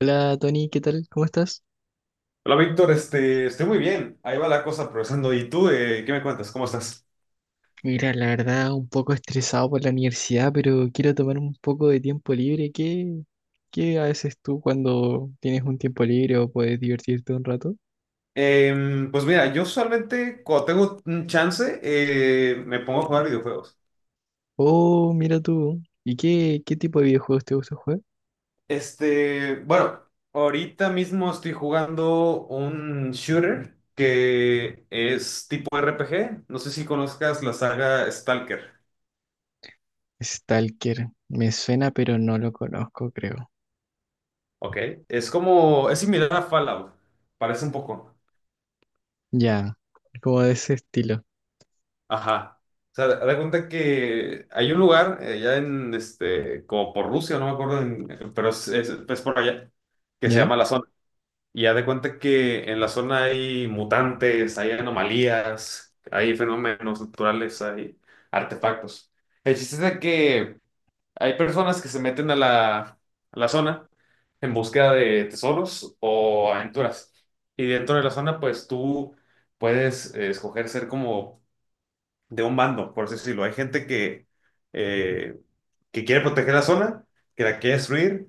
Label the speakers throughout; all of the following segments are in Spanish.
Speaker 1: Hola Tony, ¿qué tal? ¿Cómo estás?
Speaker 2: Hola Víctor, estoy muy bien. Ahí va la cosa progresando. ¿Y tú, qué me cuentas? ¿Cómo estás?
Speaker 1: Mira, la verdad, un poco estresado por la universidad, pero quiero tomar un poco de tiempo libre. ¿Qué haces tú cuando tienes un tiempo libre o puedes divertirte un rato?
Speaker 2: Pues mira, yo usualmente cuando tengo un chance me pongo a jugar videojuegos.
Speaker 1: Oh, mira tú. ¿Y qué tipo de videojuegos te gusta jugar?
Speaker 2: Bueno, ahorita mismo estoy jugando un shooter que es tipo RPG. No sé si conozcas la saga Stalker.
Speaker 1: Stalker. Me suena, pero no lo conozco, creo.
Speaker 2: Ok. Es como, es similar a Fallout, parece un poco.
Speaker 1: Ya, como de ese estilo.
Speaker 2: Ajá. O sea, da cuenta que hay un lugar allá en, como por Rusia, no me acuerdo, pero es por allá, que se
Speaker 1: ¿Ya?
Speaker 2: llama la zona. Y ya de cuenta que en la zona hay mutantes, hay anomalías, hay fenómenos naturales, hay artefactos. El chiste es de que hay personas que se meten a la zona en búsqueda de tesoros o aventuras. Y dentro de la zona, pues tú puedes escoger ser como de un bando, por así decirlo. Hay gente eh, que quiere proteger la zona, que la quiere destruir,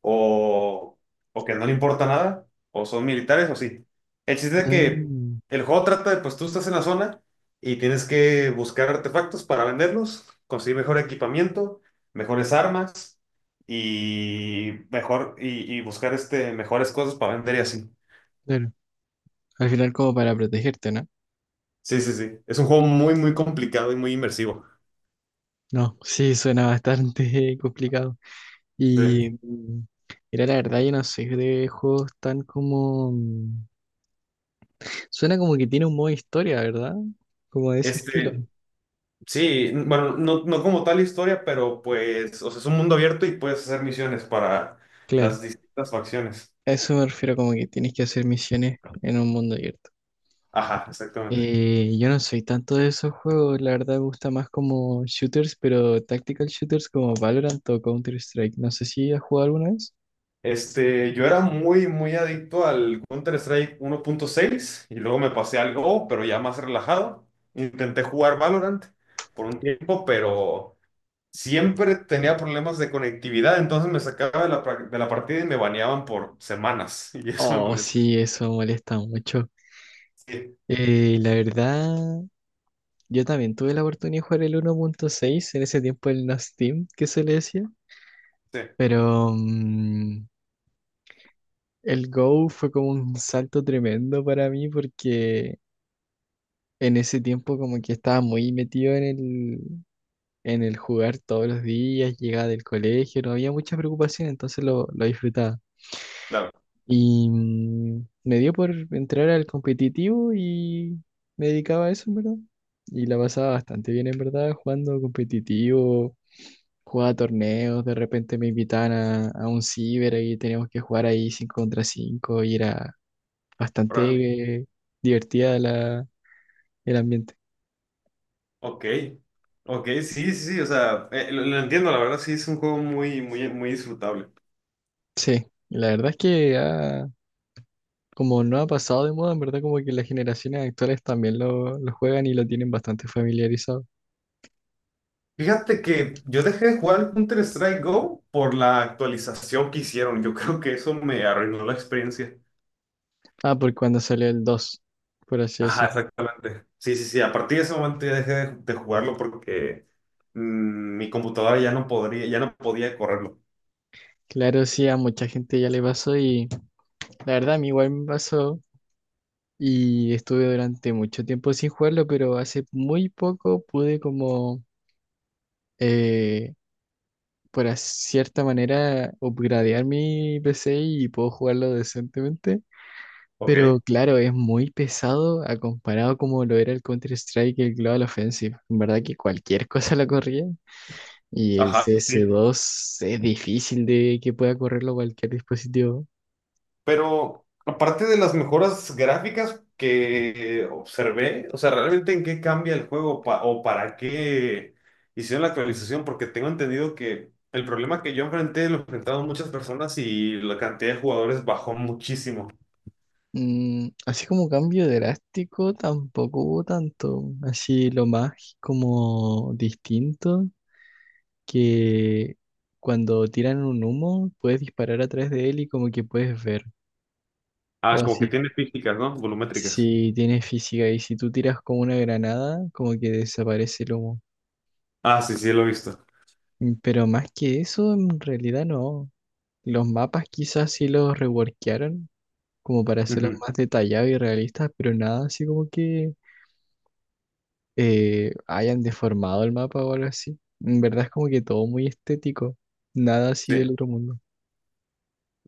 Speaker 2: o, o que no le importa nada, o son militares, o sí. El chiste es que
Speaker 1: Ah,
Speaker 2: el juego trata de, pues tú estás en la zona y tienes que buscar artefactos para venderlos, conseguir mejor equipamiento, mejores armas y buscar este mejores cosas para vender y así.
Speaker 1: claro. Al final como para protegerte, ¿no?
Speaker 2: Sí, sí, sí. Es un juego muy, muy complicado y muy inmersivo.
Speaker 1: No, sí, suena bastante complicado.
Speaker 2: Sí.
Speaker 1: Y mira, la verdad, yo no sé de juegos tan como. Suena como que tiene un modo historia, ¿verdad? Como de ese estilo.
Speaker 2: Este, sí, bueno, no, no como tal historia, pero pues, o sea, es un mundo abierto y puedes hacer misiones para las
Speaker 1: Claro,
Speaker 2: distintas facciones.
Speaker 1: a eso me refiero, como que tienes que hacer misiones en un mundo abierto.
Speaker 2: Ajá, exactamente.
Speaker 1: Yo no soy tanto de esos juegos, la verdad, me gusta más como shooters, pero tactical shooters como Valorant o Counter-Strike. No sé si has jugado alguna vez.
Speaker 2: Yo era muy, muy adicto al Counter-Strike uno punto seis y luego me pasé al Go, pero ya más relajado. Intenté jugar Valorant por un tiempo, pero siempre tenía problemas de conectividad, entonces me sacaba de la partida y me baneaban por semanas y eso me
Speaker 1: Oh,
Speaker 2: molestaba.
Speaker 1: sí, eso molesta mucho.
Speaker 2: Sí,
Speaker 1: La verdad. Yo también tuve la oportunidad de jugar el 1.6 en ese tiempo el No Steam, que se le decía,
Speaker 2: sí,
Speaker 1: pero el Go fue como un salto tremendo para mí porque en ese tiempo como que estaba muy metido en en el jugar todos los días, llegaba del colegio, no había mucha preocupación, entonces lo disfrutaba.
Speaker 2: claro.
Speaker 1: Y me dio por entrar al competitivo y me dedicaba a eso, en verdad. Y la pasaba bastante bien, en verdad, jugando competitivo. Jugaba torneos, de repente me invitaban a un ciber y teníamos que jugar ahí 5 contra 5 y era bastante divertida el ambiente.
Speaker 2: Ok, ok, sí, sí, sí, o sea, lo entiendo, la verdad, sí, es un juego muy, muy, muy disfrutable.
Speaker 1: Sí, la verdad es que como no ha pasado de moda, en verdad como que las generaciones actuales también lo juegan y lo tienen bastante familiarizado.
Speaker 2: Fíjate que yo dejé de jugar Counter-Strike Go por la actualización que hicieron, yo creo que eso me arruinó la experiencia.
Speaker 1: Ah, por cuando salió el dos, por así
Speaker 2: Ajá,
Speaker 1: decirlo.
Speaker 2: exactamente. Sí, sí, sí, a partir de ese momento ya dejé de jugarlo porque mi computadora ya no podría, ya no podía correrlo.
Speaker 1: Claro, sí, a mucha gente ya le pasó y la verdad a mí igual me pasó y estuve durante mucho tiempo sin jugarlo, pero hace muy poco pude como eh, por cierta manera, upgradear mi PC y puedo jugarlo decentemente.
Speaker 2: Ok,
Speaker 1: Pero claro, es muy pesado a comparado como lo era el Counter-Strike y el Global Offensive. En verdad que cualquier cosa la corría. Y el
Speaker 2: ajá,
Speaker 1: cs
Speaker 2: sí.
Speaker 1: dos es difícil de que pueda correrlo cualquier dispositivo.
Speaker 2: Pero aparte de las mejoras gráficas que observé, o sea, ¿realmente en qué cambia el juego o para qué hicieron la actualización? Porque tengo entendido que el problema que yo enfrenté lo enfrentaron muchas personas y la cantidad de jugadores bajó muchísimo.
Speaker 1: Así como cambio drástico, tampoco hubo tanto. Así lo más como distinto que cuando tiran un humo puedes disparar atrás de él y como que puedes ver.
Speaker 2: Ah,
Speaker 1: O
Speaker 2: como que
Speaker 1: si,
Speaker 2: tiene físicas, ¿no? Volumétricas.
Speaker 1: si tienes física y si tú tiras con una granada, como que desaparece el humo.
Speaker 2: Ah, sí, sí, lo he visto.
Speaker 1: Pero más que eso, en realidad no. Los mapas quizás sí los reworkearon como para hacerlos
Speaker 2: Ujú.
Speaker 1: más detallados y realistas, pero nada así como que hayan deformado el mapa o algo así. En verdad es como que todo muy estético, nada así
Speaker 2: Sí,
Speaker 1: del otro mundo.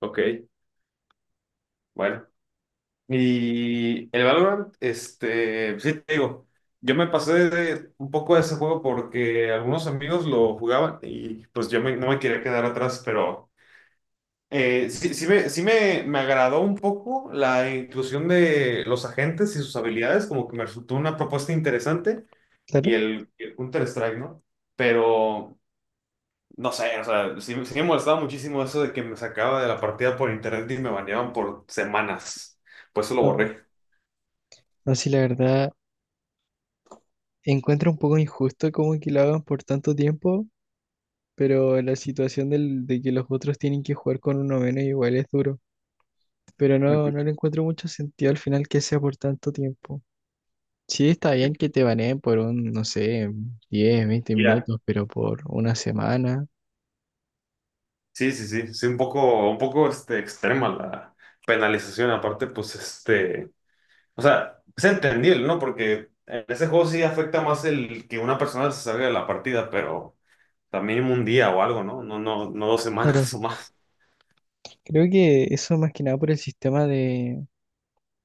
Speaker 2: ok. Bueno. Y el Valorant, pues, sí te digo, yo un poco de ese juego porque algunos amigos lo jugaban y pues yo no me quería quedar atrás, pero sí me agradó un poco la inclusión de los agentes y sus habilidades, como que me resultó una propuesta interesante
Speaker 1: Claro.
Speaker 2: y el Counter-Strike, ¿no? Pero no sé, o sea, sí me molestaba muchísimo eso de que me sacaba de la partida por internet y me baneaban por semanas, pues eso lo
Speaker 1: No,
Speaker 2: borré.
Speaker 1: no, sí, la verdad. Encuentro un poco injusto como que lo hagan por tanto tiempo, pero la situación de que los otros tienen que jugar con uno menos igual es duro. Pero no,
Speaker 2: Ujú.
Speaker 1: no le encuentro mucho sentido al final que sea por tanto tiempo. Sí, está bien que te baneen por un, no sé, diez veinte
Speaker 2: Ya.
Speaker 1: minutos, pero por una semana.
Speaker 2: Sí, sí, sí, sí, un poco extrema la penalización, aparte, pues, o sea, es entendible, ¿no? Porque en ese juego sí afecta más el que una persona se salga de la partida, pero también un día o algo, ¿no? No, no, no dos
Speaker 1: Claro,
Speaker 2: semanas o más.
Speaker 1: creo que eso más que nada por el sistema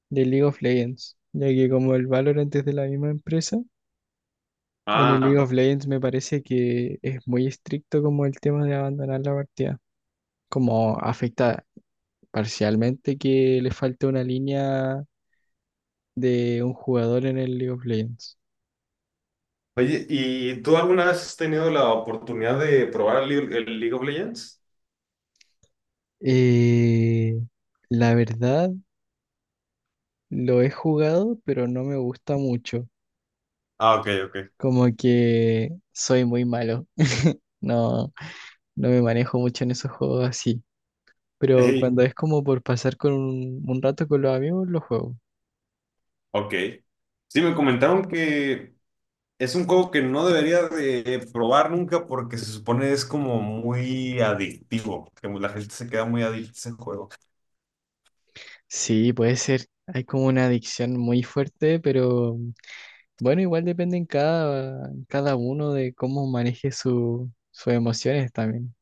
Speaker 1: de League of Legends, ya que como el Valorant es de la misma empresa, en el League
Speaker 2: Ah,
Speaker 1: of Legends me parece que es muy estricto como el tema de abandonar la partida. Como afecta parcialmente que le falte una línea de un jugador en el League of Legends.
Speaker 2: oye, ¿y tú alguna vez has tenido la oportunidad de probar el League of Legends?
Speaker 1: Eh, la verdad, lo he jugado, pero no me gusta mucho.
Speaker 2: Ah, ok, ok.
Speaker 1: Como que soy muy malo. No, no me manejo mucho en esos juegos así. Pero
Speaker 2: Ey,
Speaker 1: cuando es como por pasar con un rato con los amigos, lo juego.
Speaker 2: ok. Sí, me comentaron que es un juego que no debería de probar nunca porque se supone es como muy adictivo, que la gente se queda muy adicta a ese juego.
Speaker 1: Sí, puede ser. Hay como una adicción muy fuerte, pero bueno, igual depende en en cada uno de cómo maneje sus emociones también.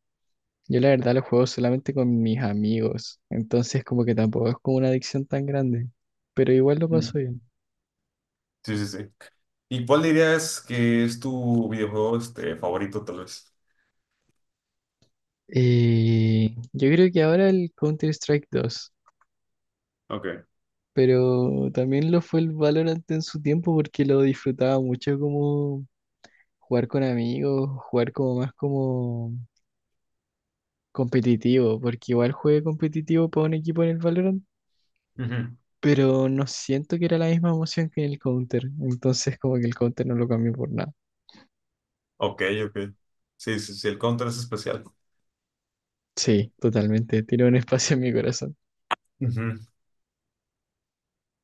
Speaker 1: Yo la verdad lo juego solamente con mis amigos, entonces como que tampoco es como una adicción tan grande, pero igual lo
Speaker 2: Mm.
Speaker 1: paso bien.
Speaker 2: Sí, sí, sí. ¿Y cuál dirías que es tu videojuego favorito, tal vez?
Speaker 1: Yo creo que ahora el Counter-Strike 2,
Speaker 2: Ok.
Speaker 1: pero también lo fue el Valorant en su tiempo porque lo disfrutaba mucho como jugar con amigos, jugar como más como competitivo, porque igual jugué competitivo para un equipo en el Valorant,
Speaker 2: Ujú.
Speaker 1: pero no siento que era la misma emoción que en el Counter, entonces como que el Counter no lo cambió por nada.
Speaker 2: Ok, ok. Sí, sí, sí, el Counter es especial.
Speaker 1: Sí, totalmente, tiene un espacio en mi corazón.
Speaker 2: Ujú.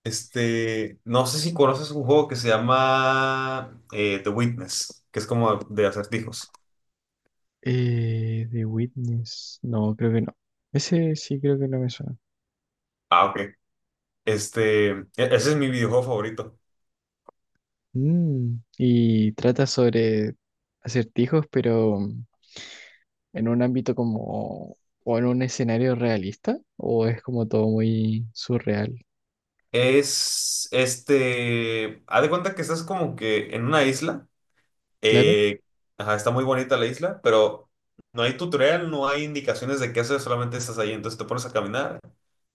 Speaker 2: No sé si conoces un juego que se llama The Witness, que es como de acertijos.
Speaker 1: The Witness, no, creo que no. Ese sí creo que no me suena.
Speaker 2: Ah, ok. Ese es mi videojuego favorito.
Speaker 1: Mm, y trata sobre acertijos, pero en un ámbito como, o en un escenario realista, o es como todo muy surreal.
Speaker 2: Es haz de cuenta que estás como que en una isla,
Speaker 1: Claro,
Speaker 2: eh, ajá, está muy bonita la isla, pero no hay tutorial, no hay indicaciones de qué hacer, solamente estás ahí, entonces te pones a caminar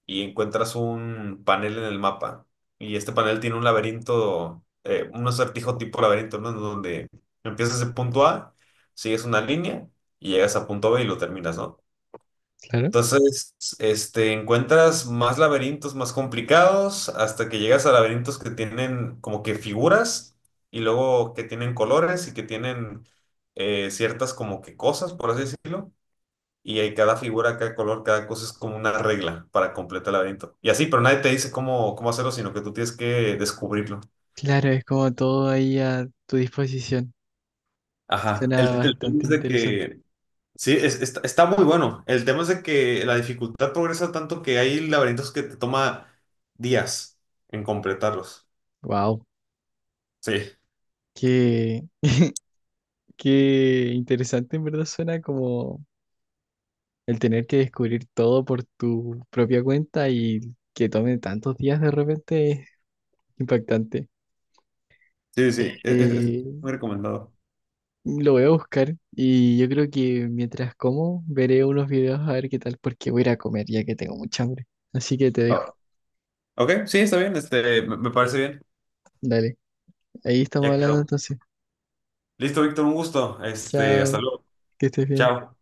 Speaker 2: y encuentras un panel en el mapa y este panel tiene un laberinto, un acertijo tipo laberinto, ¿no? Donde empiezas en punto A, sigues una línea y llegas a punto B y lo terminas, ¿no?
Speaker 1: claro.
Speaker 2: Entonces, encuentras más laberintos más complicados hasta que llegas a laberintos que tienen como que figuras y luego que tienen colores y que tienen ciertas como que cosas, por así decirlo. Y hay cada figura, cada color, cada cosa es como una regla para completar el laberinto. Y así, pero nadie te dice cómo, cómo hacerlo, sino que tú tienes que descubrirlo.
Speaker 1: Claro, es como todo ahí a tu disposición.
Speaker 2: Ajá.
Speaker 1: Suena
Speaker 2: El tema
Speaker 1: bastante
Speaker 2: es de
Speaker 1: interesante.
Speaker 2: que sí, está, está muy bueno. El tema es de que la dificultad progresa tanto que hay laberintos que te toma días en completarlos.
Speaker 1: Wow.
Speaker 2: Sí,
Speaker 1: Qué, qué interesante en verdad suena como el tener que descubrir todo por tu propia cuenta y que tome tantos días de repente es impactante.
Speaker 2: sí, sí, es
Speaker 1: Eh,
Speaker 2: muy recomendado.
Speaker 1: lo voy a buscar y yo creo que mientras como veré unos videos a ver qué tal porque voy a ir a comer ya que tengo mucha hambre. Así que te dejo.
Speaker 2: Ah, ok, sí, está bien, me parece bien.
Speaker 1: Dale, ahí estamos
Speaker 2: Ya
Speaker 1: hablando
Speaker 2: quedó.
Speaker 1: entonces.
Speaker 2: Listo, Víctor, un gusto. Hasta
Speaker 1: Chao,
Speaker 2: luego.
Speaker 1: que estés bien.
Speaker 2: Chao.